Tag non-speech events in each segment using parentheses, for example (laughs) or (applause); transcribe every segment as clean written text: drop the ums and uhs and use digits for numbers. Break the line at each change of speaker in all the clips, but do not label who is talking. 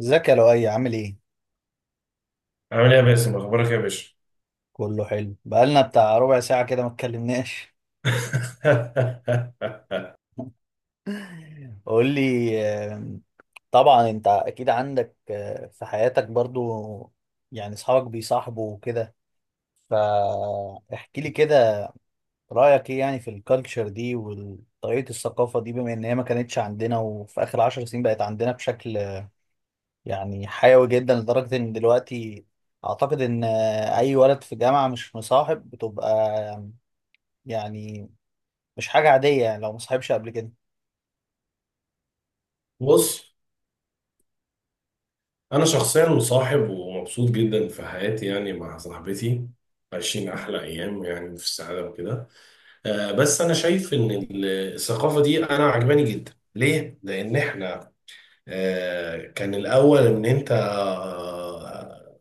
ازيك يا لؤي، عامل ايه؟
عامل ايه يا باسم، اخبارك يا باشا؟
كله حلو، بقالنا بتاع ربع ساعة كده ما اتكلمناش.
(laughs)
(laughs) قول لي. آم، طبعا انت اكيد عندك، في حياتك برضو، يعني اصحابك بيصاحبوا وكده. فاحكي لي كده. رأيك ايه يعني في الكالتشر دي وطريقة الثقافة دي، بما ان هي ما كانتش عندنا، وفي اخر عشر سنين بقت عندنا بشكل يعني حيوي جدا لدرجة ان دلوقتي اعتقد ان اي ولد في جامعة مش مصاحب بتبقى يعني مش حاجة عادية، يعني لو مصاحبش قبل كده.
بص، انا شخصيا مصاحب ومبسوط جدا في حياتي يعني مع صاحبتي. عايشين احلى ايام يعني في السعاده وكده. بس انا شايف ان الثقافه دي انا عجباني جدا. ليه؟ لان احنا كان الاول ان انت آه،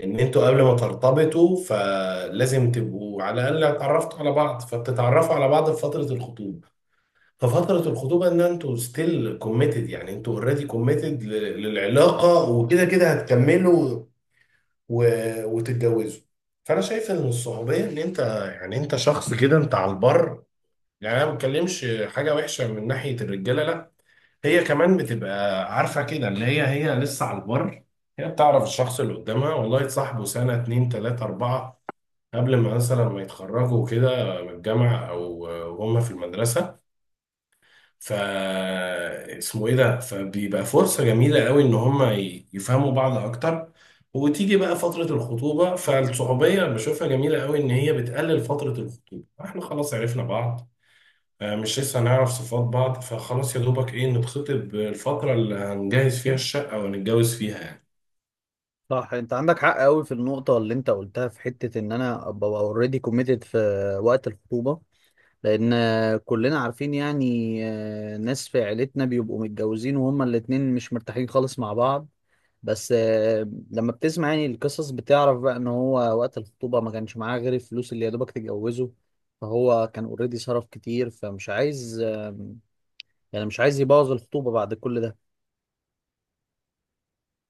ان انتوا قبل ما ترتبطوا فلازم تبقوا على الاقل اتعرفتوا على بعض، فبتتعرفوا على بعض في فتره الخطوبه. ففترة الخطوبة ان انتوا ستيل كوميتد، يعني انتوا اوريدي كوميتد للعلاقة وكده كده هتكملوا و... وتتجوزوا. فانا شايف ان الصعوبية ان انت يعني انت شخص كده انت على البر. يعني انا ما بتكلمش حاجة وحشة من ناحية الرجالة، لا. هي كمان بتبقى عارفة كده، اللي هي هي لسه على البر. هي بتعرف الشخص اللي قدامها والله تصاحبه سنة اتنين تلاتة اربعة قبل ما مثلا ما يتخرجوا كده من الجامعة او هم في المدرسة. ف اسمه ايه ده، فبيبقى فرصة جميلة قوي ان هما يفهموا بعض اكتر. وتيجي بقى فترة الخطوبة، فالصحوبية بشوفها جميلة قوي ان هي بتقلل فترة الخطوبة. احنا خلاص عرفنا بعض، مش لسه هنعرف صفات بعض، فخلاص يا دوبك ايه نتخطب الفترة اللي هنجهز فيها الشقة ونتجوز فيها يعني.
صح، انت عندك حق قوي في النقطة اللي انت قلتها في حتة ان انا ابقى اوريدي كوميتد في وقت الخطوبة. لان كلنا عارفين يعني، ناس في عيلتنا بيبقوا متجوزين وهما الاتنين مش مرتاحين خالص مع بعض. بس، لما بتسمع يعني القصص، بتعرف بقى ان هو وقت الخطوبة ما كانش معاه غير الفلوس اللي يا دوبك تجوزه. فهو كان اوريدي صرف كتير، فمش عايز آه، يعني مش عايز يبوظ الخطوبة بعد كل ده.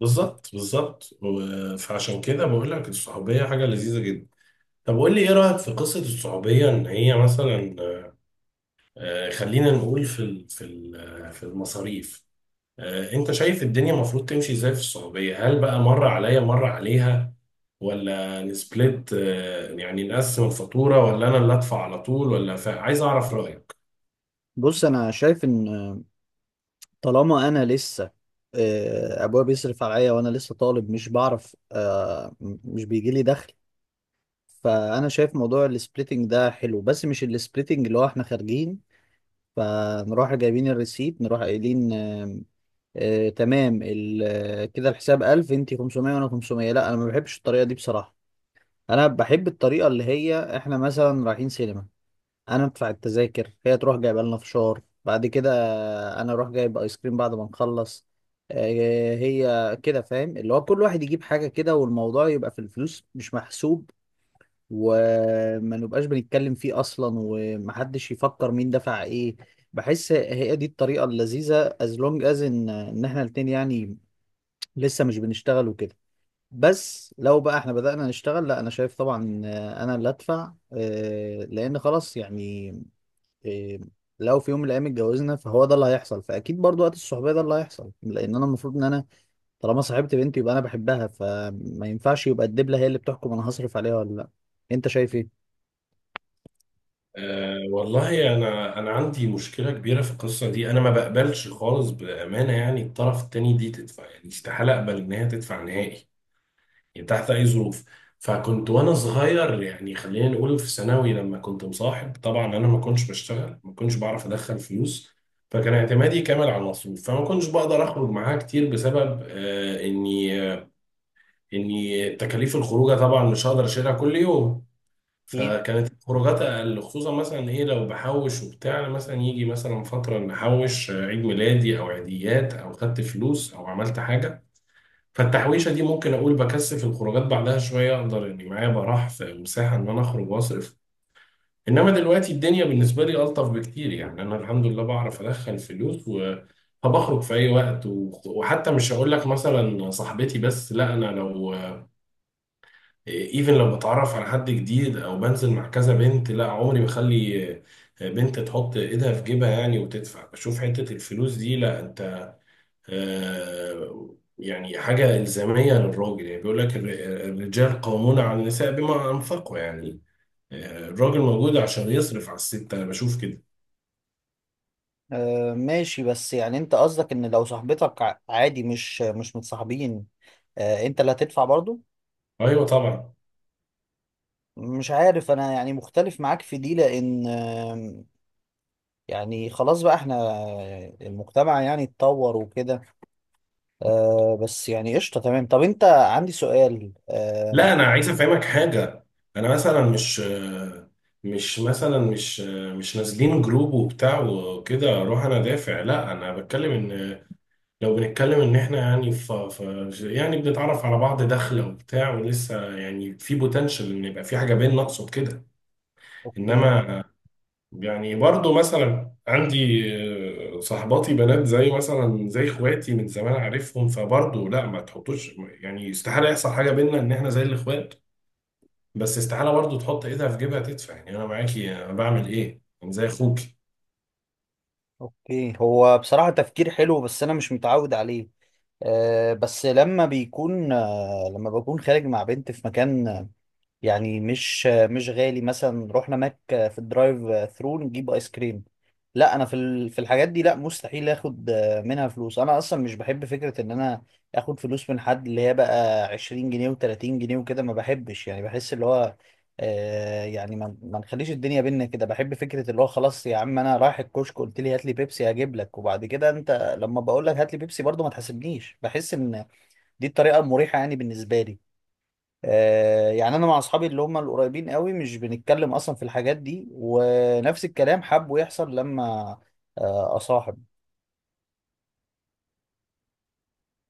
بالظبط بالظبط فعشان كده بقول لك الصحوبية حاجة لذيذة جدا. طب قول لي ايه رأيك في قصة الصحوبية ان هي مثلا خلينا نقول في في المصاريف. انت شايف الدنيا المفروض تمشي ازاي في السعودية؟ هل بقى مرة عليا مرة عليها، ولا نسبلت، يعني نقسم الفاتورة، ولا انا اللي ادفع على طول؟ ولا عايز اعرف رأيك.
بص، انا شايف ان طالما انا لسه، ابويا بيصرف عليا وانا لسه طالب، مش بعرف، مش بيجي لي دخل، فانا شايف موضوع السبليتنج ده حلو، بس مش السبليتنج اللي هو احنا خارجين فنروح جايبين الريسيت، نروح قايلين كده الحساب 1000، انت 500 وانا 500. لا، انا ما بحبش الطريقه دي بصراحه. انا بحب الطريقه اللي هي احنا مثلا رايحين سينما، انا ادفع التذاكر، هي تروح جايبه لنا فشار بعد كده، انا اروح جايب ايس كريم بعد ما نخلص. هي كده، فاهم؟ اللي هو كل واحد يجيب حاجه كده، والموضوع يبقى في الفلوس مش محسوب، وما نبقاش بنتكلم فيه اصلا، ومحدش يفكر مين دفع ايه. بحس هي دي الطريقه اللذيذه as long as ان احنا الاتنين، يعني لسه مش بنشتغل وكده. بس لو بقى احنا بدأنا نشتغل، لا، انا شايف طبعا، انا اللي ادفع، لان خلاص يعني، إيه، لو في يوم من الايام اتجوزنا فهو ده اللي هيحصل، فاكيد برضو وقت الصحوبيه ده اللي هيحصل، لان انا المفروض ان انا طالما صاحبت بنتي يبقى انا بحبها، فما ينفعش يبقى الدبله هي اللي بتحكم انا هصرف عليها ولا لا. انت شايف ايه؟
أه والله، انا عندي مشكلة كبيرة في القصة دي. انا ما بقبلش خالص بأمانة، يعني الطرف التاني دي تدفع؟ يعني استحالة اقبل ان هي تدفع نهائي، يعني تحت اي ظروف. فكنت وانا صغير، يعني خلينا نقول في ثانوي، لما كنت مصاحب طبعا انا ما كنتش بشتغل، ما كنتش بعرف ادخل فلوس، فكان اعتمادي كامل على المصروف. فما كنتش بقدر اخرج معاها كتير بسبب اني اني تكاليف الخروجه طبعا مش هقدر اشيلها كل يوم.
اكيد.
فكانت الخروجات اقل، خصوصا مثلا ايه لو بحوش وبتاع. مثلا يجي مثلا فتره نحوش، عيد ميلادي او عيديات او خدت فلوس او عملت حاجه، فالتحويشة دي ممكن أقول بكثف الخروجات بعدها شوية، أقدر إني معايا براح في مساحة إن أنا أخرج وأصرف. إنما دلوقتي الدنيا بالنسبة لي ألطف بكتير، يعني أنا الحمد لله بعرف أدخل فلوس و فبخرج في أي وقت. وحتى مش هقول لك مثلا صاحبتي بس، لا أنا لو إيفن لو بتعرف على حد جديد أو بنزل مع كذا بنت، لا عمري بخلي بنت تحط إيدها في جيبها يعني وتدفع. بشوف حتة الفلوس دي لا انت يعني حاجة إلزامية للراجل. يعني بيقول لك الرجال قوامون على النساء بما أنفقوا، يعني الراجل موجود عشان يصرف على الست. أنا بشوف كده.
آه ماشي. بس يعني انت قصدك ان لو صاحبتك، عادي، مش متصاحبين، آه انت اللي هتدفع برضو؟
أيوه طبعا.
مش عارف، انا يعني مختلف معاك في دي، لان آه يعني، خلاص بقى احنا المجتمع يعني اتطور وكده. آه بس يعني قشطة، تمام. طب انت، عندي سؤال آه.
لا أنا عايز أفهمك حاجة. أنا مثلا مش نازلين جروب وبتاع وكده أروح أنا دافع، لا. أنا بتكلم إن لو بنتكلم إن إحنا يعني يعني بنتعرف على بعض داخلة وبتاع ولسه يعني في بوتنشال إن يبقى في حاجة بيننا، أقصد كده.
اوكي.
انما يعني برضو مثلا عندي صاحباتي بنات زي مثلا زي اخواتي، من زمان عارفهم، فبرضو لا ما تحطوش يعني استحالة يحصل حاجة بينا، ان احنا زي الاخوات. بس استحالة برضو تحط ايدها في جيبها تدفع، يعني انا معاكي، انا بعمل ايه، انا زي اخوك.
اوكي، هو بصراحة تفكير حلو بس انا مش متعود عليه. بس لما بيكون آه لما بكون خارج مع بنت في مكان يعني مش غالي، مثلا نروح هناك في الدرايف ثرو نجيب ايس كريم، لا، انا في في الحاجات دي لا مستحيل اخد منها فلوس. انا اصلا مش بحب فكرة ان انا اخد فلوس من حد، اللي هي بقى 20 جنيه و30 جنيه وكده، ما بحبش. يعني بحس اللي هو آه يعني، ما نخليش الدنيا بينا كده. بحب فكرة اللي هو خلاص، يا عم انا رايح الكشك، قلت لي هات لي بيبسي، هجيب لك. وبعد كده انت لما بقول لك هات لي بيبسي برضه ما تحاسبنيش. بحس ان دي الطريقة المريحة يعني بالنسبة لي. يعني انا مع اصحابي اللي هم القريبين قوي مش بنتكلم اصلا في الحاجات دي، ونفس الكلام حابه يحصل لما اصاحب.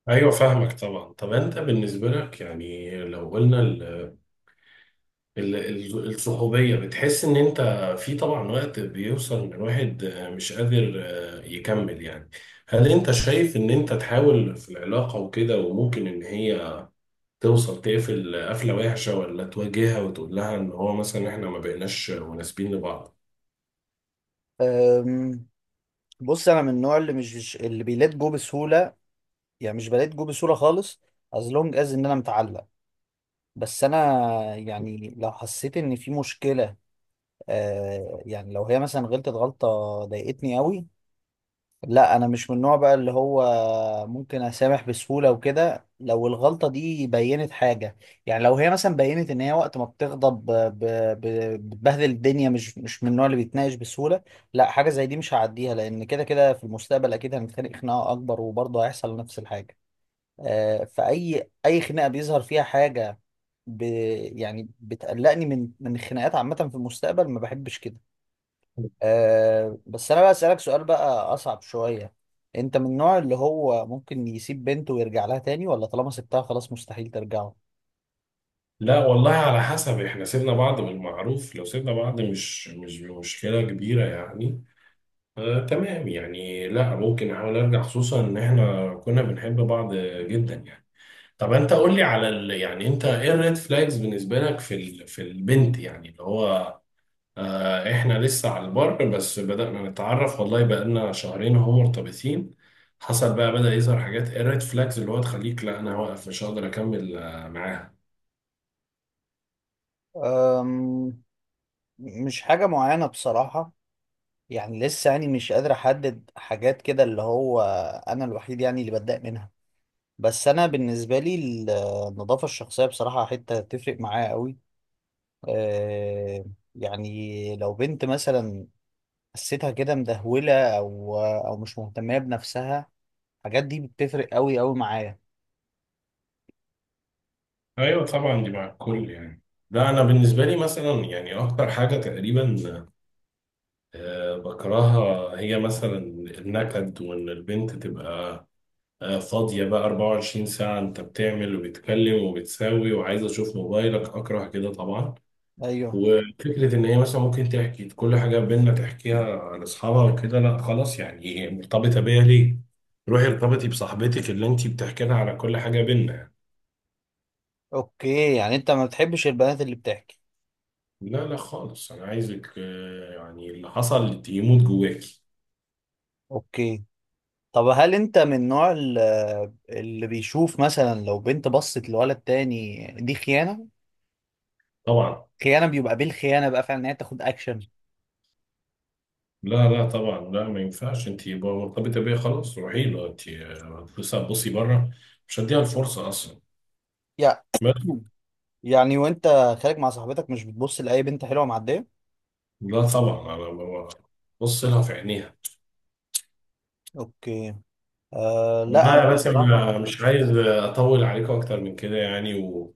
ايوه فاهمك طبعا. طب انت بالنسبة لك يعني لو قلنا الصحوبية، بتحس إن أنت في طبعا وقت بيوصل إن الواحد مش قادر يكمل يعني، هل أنت شايف إن أنت تحاول في العلاقة وكده وممكن إن هي توصل تقفل قفلة وحشة، ولا تواجهها وتقول لها إن هو مثلا إحنا ما بقيناش مناسبين لبعض؟
أم، بص، انا من النوع اللي اللي بيلات جو بسهوله، يعني مش بلات جو بسهوله خالص as long as ان انا متعلق. بس انا، يعني لو حسيت ان في مشكله، يعني لو هي مثلا غلطت غلطه ضايقتني قوي، لا انا مش من النوع بقى اللي هو ممكن اسامح بسهوله وكده. لو الغلطه دي بينت حاجه، يعني لو هي مثلا بينت ان هي وقت ما بتغضب بتبهدل الدنيا، مش من النوع اللي بيتناقش بسهوله، لا حاجه زي دي مش هعديها، لان كده كده في المستقبل اكيد هنتخانق خناقه اكبر وبرضه هيحصل نفس الحاجه. فاي خناقه بيظهر فيها حاجه، ب يعني بتقلقني من الخناقات عامه في المستقبل، ما بحبش كده. أه بس انا بقى اسالك سؤال بقى اصعب شويه. انت من النوع اللي هو ممكن يسيب بنته ويرجع لها تاني، ولا طالما سبتها خلاص مستحيل ترجعه؟
لا والله، على حسب. إحنا سيبنا بعض بالمعروف، لو سيبنا بعض مش مشكلة كبيرة يعني. آه تمام يعني، لا ممكن أحاول أرجع، خصوصا إن إحنا كنا بنحب بعض جدا يعني. طب انت قول لي على يعني انت ايه الريد فلاجز بالنسبه لك في في البنت، يعني اللي هو آه احنا لسه على البر بس بدأنا نتعرف، والله بقالنا شهرين اهو مرتبطين، حصل بقى بدأ يظهر حاجات. ايه الريد فلاجز اللي هو تخليك لا انا واقف مش هقدر اكمل آه معاها؟
أم مش حاجه معينه بصراحه، يعني لسه يعني مش قادر احدد حاجات كده اللي هو انا الوحيد يعني اللي بتضايق منها. بس انا بالنسبه لي النظافه الشخصيه بصراحه حته تفرق معايا قوي. أه يعني لو بنت مثلا حسيتها كده مدهوله، او مش مهتمه بنفسها، الحاجات دي بتفرق قوي قوي معايا.
ايوه طبعا دي مع الكل يعني. لا انا بالنسبه لي مثلا يعني اكتر حاجه تقريبا بكرهها هي مثلا النكد، وان البنت تبقى فاضية بقى 24 ساعة أنت بتعمل وبتكلم وبتساوي وعايز أشوف موبايلك. أكره كده طبعا.
ايوه.
وفكرة إن هي مثلا ممكن تحكي كل حاجة بينا تحكيها لأصحابها وكده، لا خلاص يعني. مرتبطة بيا ليه؟ روحي ارتبطي بصاحبتك اللي أنت بتحكي لها على كل حاجة بينا.
اوكي، يعني انت ما بتحبش البنات اللي بتحكي.
لا لا خالص، أنا عايزك يعني اللي حصل يموت جواكي.
اوكي، طب هل انت من النوع اللي بيشوف مثلا لو بنت بصت لولد تاني يعني دي خيانة؟
طبعا.
خيانة، بيبقى بالخيانة بقى فعلا ان هي تاخد اكشن.
لا لا طبعا لا، ما ينفعش. أنت يبقى مرتبطة بيا خلاص روحي له أنت؟ بصي بره، مش هديها الفرصة أصلا.
يع- يعني وانت خارج مع صاحبتك مش بتبص لأي بنت حلوة معدية؟
لا طبعا انا ببص لها في عينيها.
اوكي. آه لا،
والله
انا
يا باسم، (laughs)
بصراحة.
مش عايز اطول عليكم اكتر من كده يعني.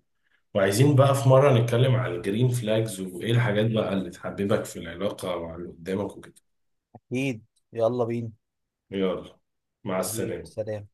وعايزين بقى في مره نتكلم عن الجرين فلاجز وايه الحاجات بقى اللي تحببك في العلاقه مع اللي قدامك وكده.
اكيد. يلا بينا.
يلا. مع
حبيبي،
السلامه.
سلام.